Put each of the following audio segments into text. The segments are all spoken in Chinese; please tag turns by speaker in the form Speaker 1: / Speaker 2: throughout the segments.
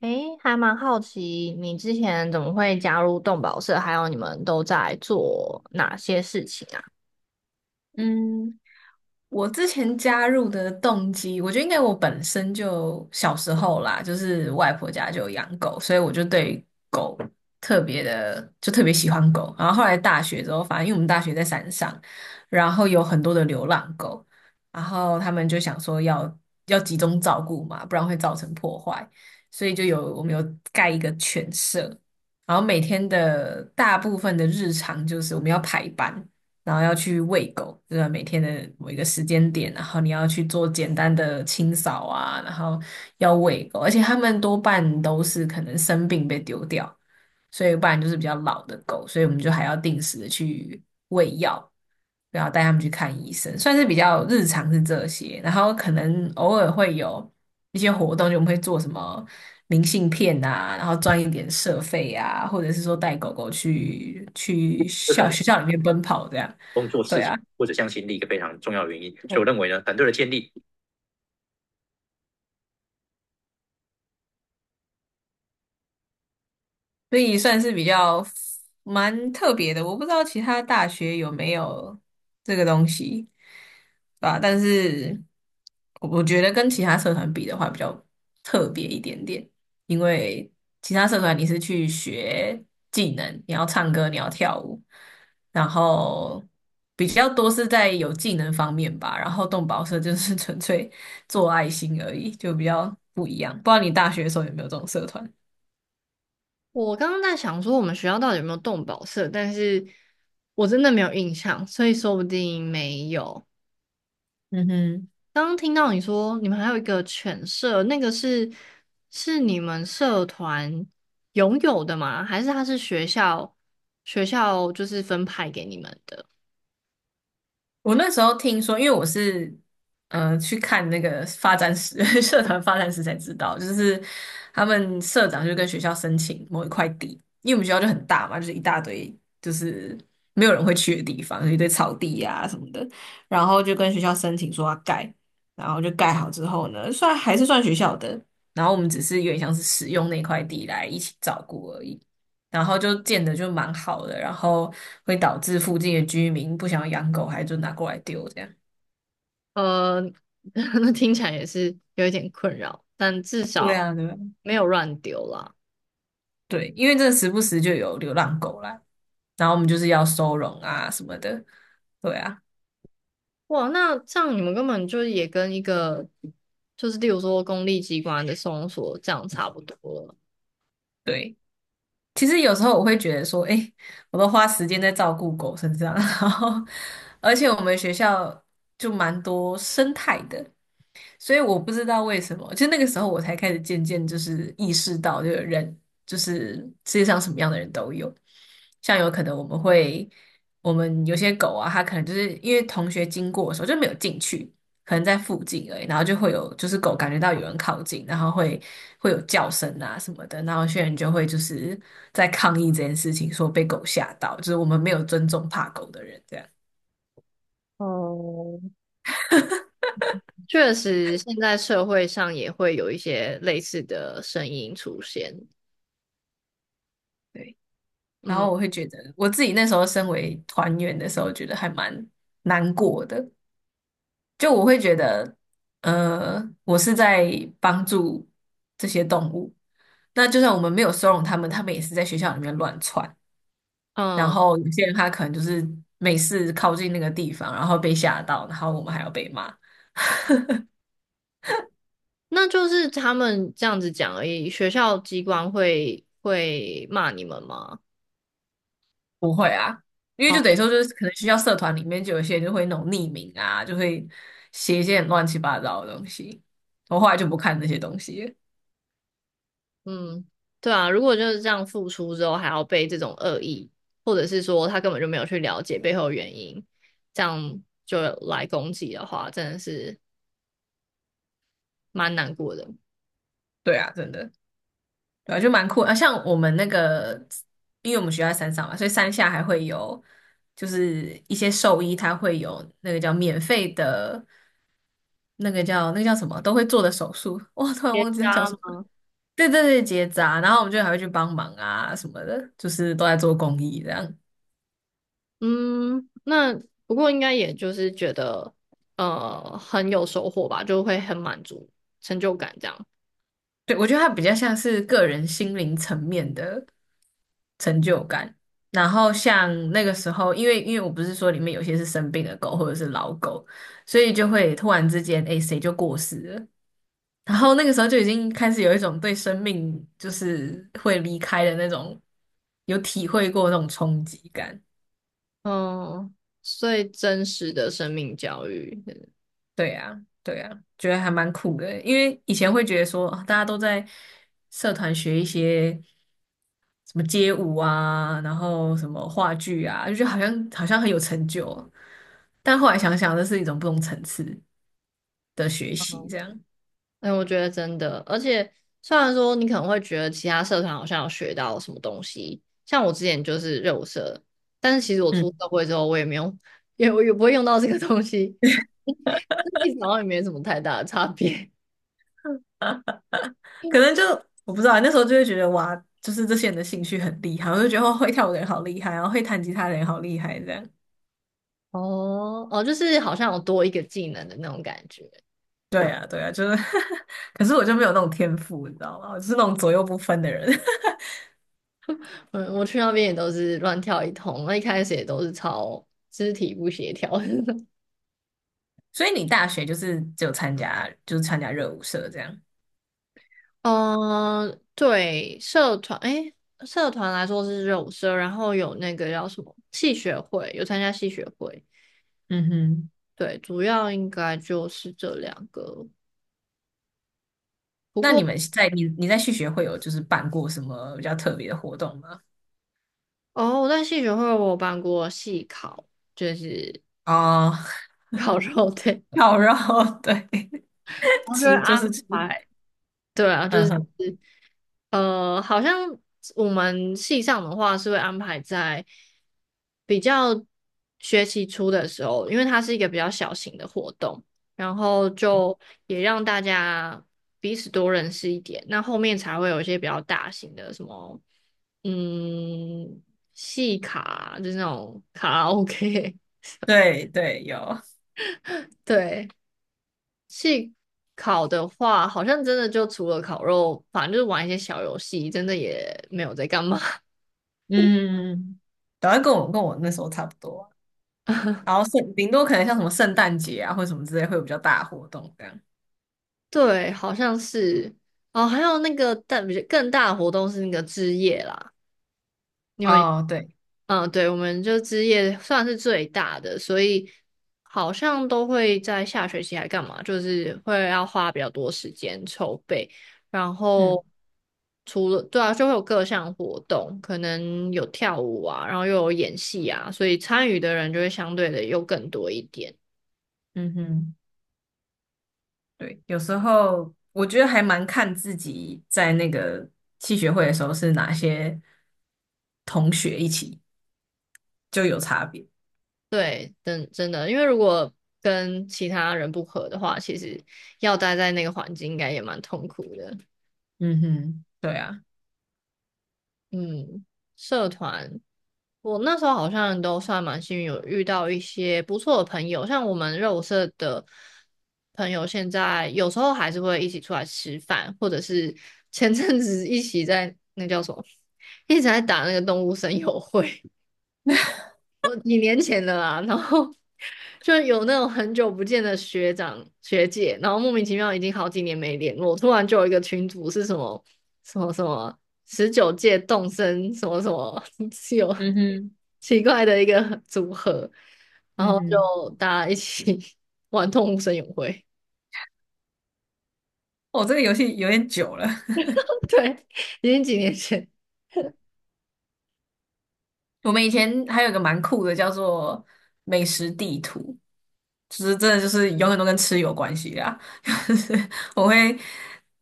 Speaker 1: 诶，还蛮好奇你之前怎么会加入动保社，还有你们都在做哪些事情啊？
Speaker 2: 嗯，我之前加入的动机，我觉得应该我本身就小时候啦，就是外婆家就有养狗，所以我就对狗特别的，就特别喜欢狗。然后后来大学之后，反正因为我们大学在山上，然后有很多的流浪狗，然后他们就想说要集中照顾嘛，不然会造成破坏，所以就有我们有盖一个犬舍，然后每天的大部分的日常就是我们要排班。然后要去喂狗，就是每天的某一个时间点，然后你要去做简单的清扫啊，然后要喂狗，而且他们多半都是可能生病被丢掉，所以不然就是比较老的狗，所以我们就还要定时的去喂药，然后带他们去看医生，算是比较日常是这些，然后可能偶尔会有一些活动，就我们会做什么明信片啊，然后赚一点社费啊，或者是说带狗狗去
Speaker 1: 这
Speaker 2: 校
Speaker 1: 很
Speaker 2: 学校里面奔跑这样，
Speaker 1: 工作
Speaker 2: 对
Speaker 1: 事情
Speaker 2: 啊。
Speaker 1: 或者向心力一个非常重要的原因。所以我认为呢，团队的建立，
Speaker 2: 所以算是比较蛮特别的。我不知道其他大学有没有这个东西，对吧？但是我觉得跟其他社团比的话，比较特别一点点，因为其他社团你是去学技能，你要唱歌，你要跳舞，然后比较多是在有技能方面吧。然后动保社就是纯粹做爱心而已，就比较不一样。不知道你大学的时候有没有这种社团？
Speaker 1: 我刚刚在想说我们学校到底有没有动保社，但是我真的没有印象，所以说不定没有。
Speaker 2: 嗯哼。
Speaker 1: 刚刚听到你说你们还有一个犬舍，那个是是你们社团拥有的吗？还是它是学校就是分派给你们的？
Speaker 2: 我那时候听说，因为我是去看那个发展史 社团发展史才知道，就是他们社长就跟学校申请某一块地，因为我们学校就很大嘛，就是一大堆就是没有人会去的地方，有一堆草地呀、什么的，然后就跟学校申请说要盖，然后就盖好之后呢，算还是算学校的，然后我们只是有点像是使用那块地来一起照顾而已。然后就建的就蛮好的，然后会导致附近的居民不想要养狗，还就拿过来丢这样。
Speaker 1: 呃，那听起来也是有一点困扰，但至
Speaker 2: 对
Speaker 1: 少
Speaker 2: 啊，对啊，
Speaker 1: 没有乱丢啦。
Speaker 2: 对，因为这时不时就有流浪狗啦，然后我们就是要收容啊什么的。对啊，
Speaker 1: 哇，那这样你们根本就也跟一个，就是例如说公立机关的搜索这样差不多了。
Speaker 2: 对。其实有时候我会觉得说，诶，我都花时间在照顾狗身上，然后而且我们学校就蛮多生态的，所以我不知道为什么，就那个时候我才开始渐渐就是意识到，这个人就是世界上什么样的人都有，像有可能我们会，我们有些狗啊，它可能就是因为同学经过的时候就没有进去，可能在附近而已，然后就会有就是狗感觉到有人靠近，然后会有叫声啊什么的，然后有些人就会就是在抗议这件事情，说被狗吓到，就是我们没有尊重怕狗的人这样。
Speaker 1: 哦，确实，现在社会上也会有一些类似的声音出现。
Speaker 2: 对，然
Speaker 1: 嗯
Speaker 2: 后我会觉得我自己那时候身为团员的时候，觉得还蛮难过的，就我会觉得，我是在帮助这些动物。那就算我们没有收容他们，他们也是在学校里面乱窜，然
Speaker 1: 嗯，
Speaker 2: 后有些人他可能就是每次靠近那个地方，然后被吓到，然后我们还要被骂。
Speaker 1: 那就是他们这样子讲而已。学校机关会骂你们吗？
Speaker 2: 不会啊，因为就等于说就是可能学校社团里面就有些人就会那种匿名啊，就会写一些很乱七八糟的东西。我后来就不看这些东西了。
Speaker 1: 嗯，对啊，如果就是这样付出之后还要被这种恶意，或者是说他根本就没有去了解背后的原因，这样就来攻击的话，真的是蛮难过的。
Speaker 2: 对啊，真的，对啊，就蛮酷的啊。像我们那个，因为我们学校在山上嘛，所以山下还会有，就是一些兽医他会有那个叫免费的，那个叫什么，都会做的手术。哇，突然
Speaker 1: 结
Speaker 2: 忘记它叫
Speaker 1: 扎
Speaker 2: 什么。
Speaker 1: 吗？
Speaker 2: 对对对，结扎，然后我们就还会去帮忙啊什么的，就是都在做公益这样。
Speaker 1: 嗯，那不过应该也就是觉得很有收获吧，就会很满足、成就感这样。
Speaker 2: 对，我觉得它比较像是个人心灵层面的成就感。然后像那个时候，因为我不是说里面有些是生病的狗或者是老狗，所以就会突然之间，哎，谁就过世了。然后那个时候就已经开始有一种对生命就是会离开的那种有体会过那种冲击感。
Speaker 1: 嗯，所以真实的生命教育。
Speaker 2: 对呀，对呀，觉得还蛮酷的。因为以前会觉得说，啊大家都在社团学一些什么街舞啊，然后什么话剧啊，就觉得好像好像很有成就哦。但后来想想，这是一种不同层次的学习，这样，
Speaker 1: 哎，我觉得真的，而且虽然说你可能会觉得其他社团好像有学到什么东西，像我之前就是热舞社，但是其实我
Speaker 2: 嗯，
Speaker 1: 出社会之后，我也没有，我也不会用到这个东西，所以这其实好像也没什么太大的差别。
Speaker 2: 可能就我不知道，那时候就会觉得哇，就是这些人的兴趣很厉害，我就觉得哦会跳舞的人好厉害，然后会弹吉他的人好厉害，这样。
Speaker 1: 哦哦，就是好像有多一个技能的那种感觉。
Speaker 2: 对啊，对啊，就是，可是我就没有那种天赋，你知道吗？我就是那种左右不分的人。
Speaker 1: 嗯，我去那边也都是乱跳一通，那一开始也都是超肢体不协调。
Speaker 2: 所以你大学就是只有参加，就是参加热舞社这样。
Speaker 1: 嗯，对，社团，诶，社团来说是肉社，然后有那个叫什么戏学会，有参加戏学会，
Speaker 2: 嗯哼，
Speaker 1: 对，主要应该就是这两个。不
Speaker 2: 那你
Speaker 1: 过，
Speaker 2: 们在你在续学会有就是办过什么比较特别的活动吗？
Speaker 1: 哦，我在戏学会我有办过戏考，就是
Speaker 2: 哦，
Speaker 1: 烤肉，对，
Speaker 2: 烤肉，对，
Speaker 1: 然 后就
Speaker 2: 吃就
Speaker 1: 安
Speaker 2: 是吃，
Speaker 1: 排，对啊，就
Speaker 2: 嗯
Speaker 1: 是。
Speaker 2: 哼，
Speaker 1: 好像我们系上的话是会安排在比较学期初的时候，因为它是一个比较小型的活动，然后就也让大家彼此多认识一点。那后面才会有一些比较大型的什么，嗯，系卡，就是那种卡拉 OK。
Speaker 2: 对对，有，
Speaker 1: 对，系考的话，好像真的就除了烤肉，反正就是玩一些小游戏，真的也没有在干嘛。
Speaker 2: 嗯，然后跟我那时候差不多，然后圣顶多可能像什么圣诞节啊或者什么之类会有比较大的活动这样。
Speaker 1: 对，好像是哦，还有那个但比较更大的活动是那个之夜啦，你们有
Speaker 2: 哦，对，
Speaker 1: 嗯，对，我们就之夜算是最大的，所以好像都会在下学期还干嘛，就是会要花比较多时间筹备，然
Speaker 2: 嗯
Speaker 1: 后除了对啊，就会有各项活动，可能有跳舞啊，然后又有演戏啊，所以参与的人就会相对的又更多一点。
Speaker 2: 嗯哼。对，有时候我觉得还蛮看自己在那个系学会的时候是哪些同学一起，就有差别。
Speaker 1: 对，真的，因为如果跟其他人不合的话，其实要待在那个环境应该也蛮痛苦的。
Speaker 2: 嗯哼，对啊，
Speaker 1: 嗯，社团，我那时候好像都算蛮幸运，有遇到一些不错的朋友，像我们肉舞社的朋友，现在有时候还是会一起出来吃饭，或者是前阵子一起在那叫什么，一直在打那个动物森友会。我几年前的啦，然后就有那种很久不见的学长学姐，然后莫名其妙已经好几年没联络，突然就有一个群组是什么什么19届动森什么什么，是有
Speaker 2: 嗯哼，
Speaker 1: 奇怪的一个组合，然
Speaker 2: 嗯
Speaker 1: 后
Speaker 2: 哼，
Speaker 1: 就大家一起 玩动物森友会，
Speaker 2: 哦，这个游戏有点久了，
Speaker 1: 对，已经几年前。
Speaker 2: 我们以前还有一个蛮酷的，叫做美食地图，就是真的就是永远都跟吃有关系啦。就是我会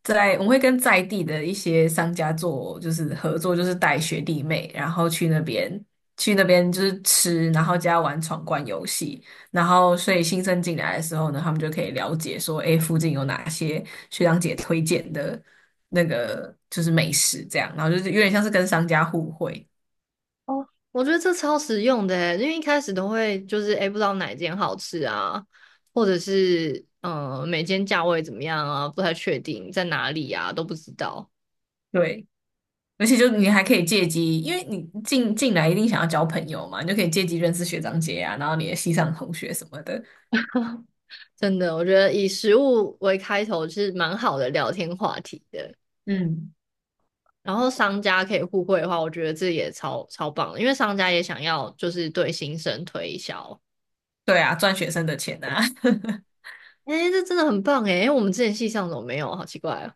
Speaker 2: 在我们会跟在地的一些商家做就是合作，就是带学弟妹，然后去那边就是吃，然后加玩闯关游戏，然后所以新生进来的时候呢，他们就可以了解说，诶，附近有哪些学长姐推荐的那个就是美食这样，然后就是有点像是跟商家互惠，
Speaker 1: 哦，我觉得这超实用的欸，因为一开始都会就是哎诶不知道哪间好吃啊，或者是嗯、每间价位怎么样啊，不太确定在哪里啊，都不知道。
Speaker 2: 对。而且就你还可以借机，因为你进来一定想要交朋友嘛，你就可以借机认识学长姐啊，然后你的系上同学什么的。
Speaker 1: 真的，我觉得以食物为开头是蛮好的聊天话题的。
Speaker 2: 嗯，
Speaker 1: 然后商家可以互惠的话，我觉得这也超超棒的，因为商家也想要就是对新生推销。
Speaker 2: 对啊，赚学生的钱啊，
Speaker 1: 哎，这真的很棒哎，因为我们之前系上怎么没有啊？好奇怪哦。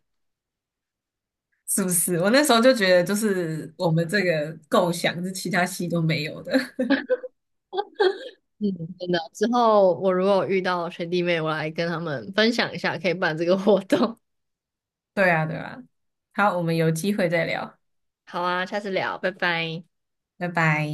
Speaker 2: 是不是？我那时候就觉得，就是我们这个构想是其他系都没有的。
Speaker 1: 嗯，真的。之后我如果遇到学弟妹，我来跟他们分享一下，可以办这个活动。
Speaker 2: 对啊，对啊。好，我们有机会再聊，
Speaker 1: 好啊，下次聊，拜拜。
Speaker 2: 拜拜。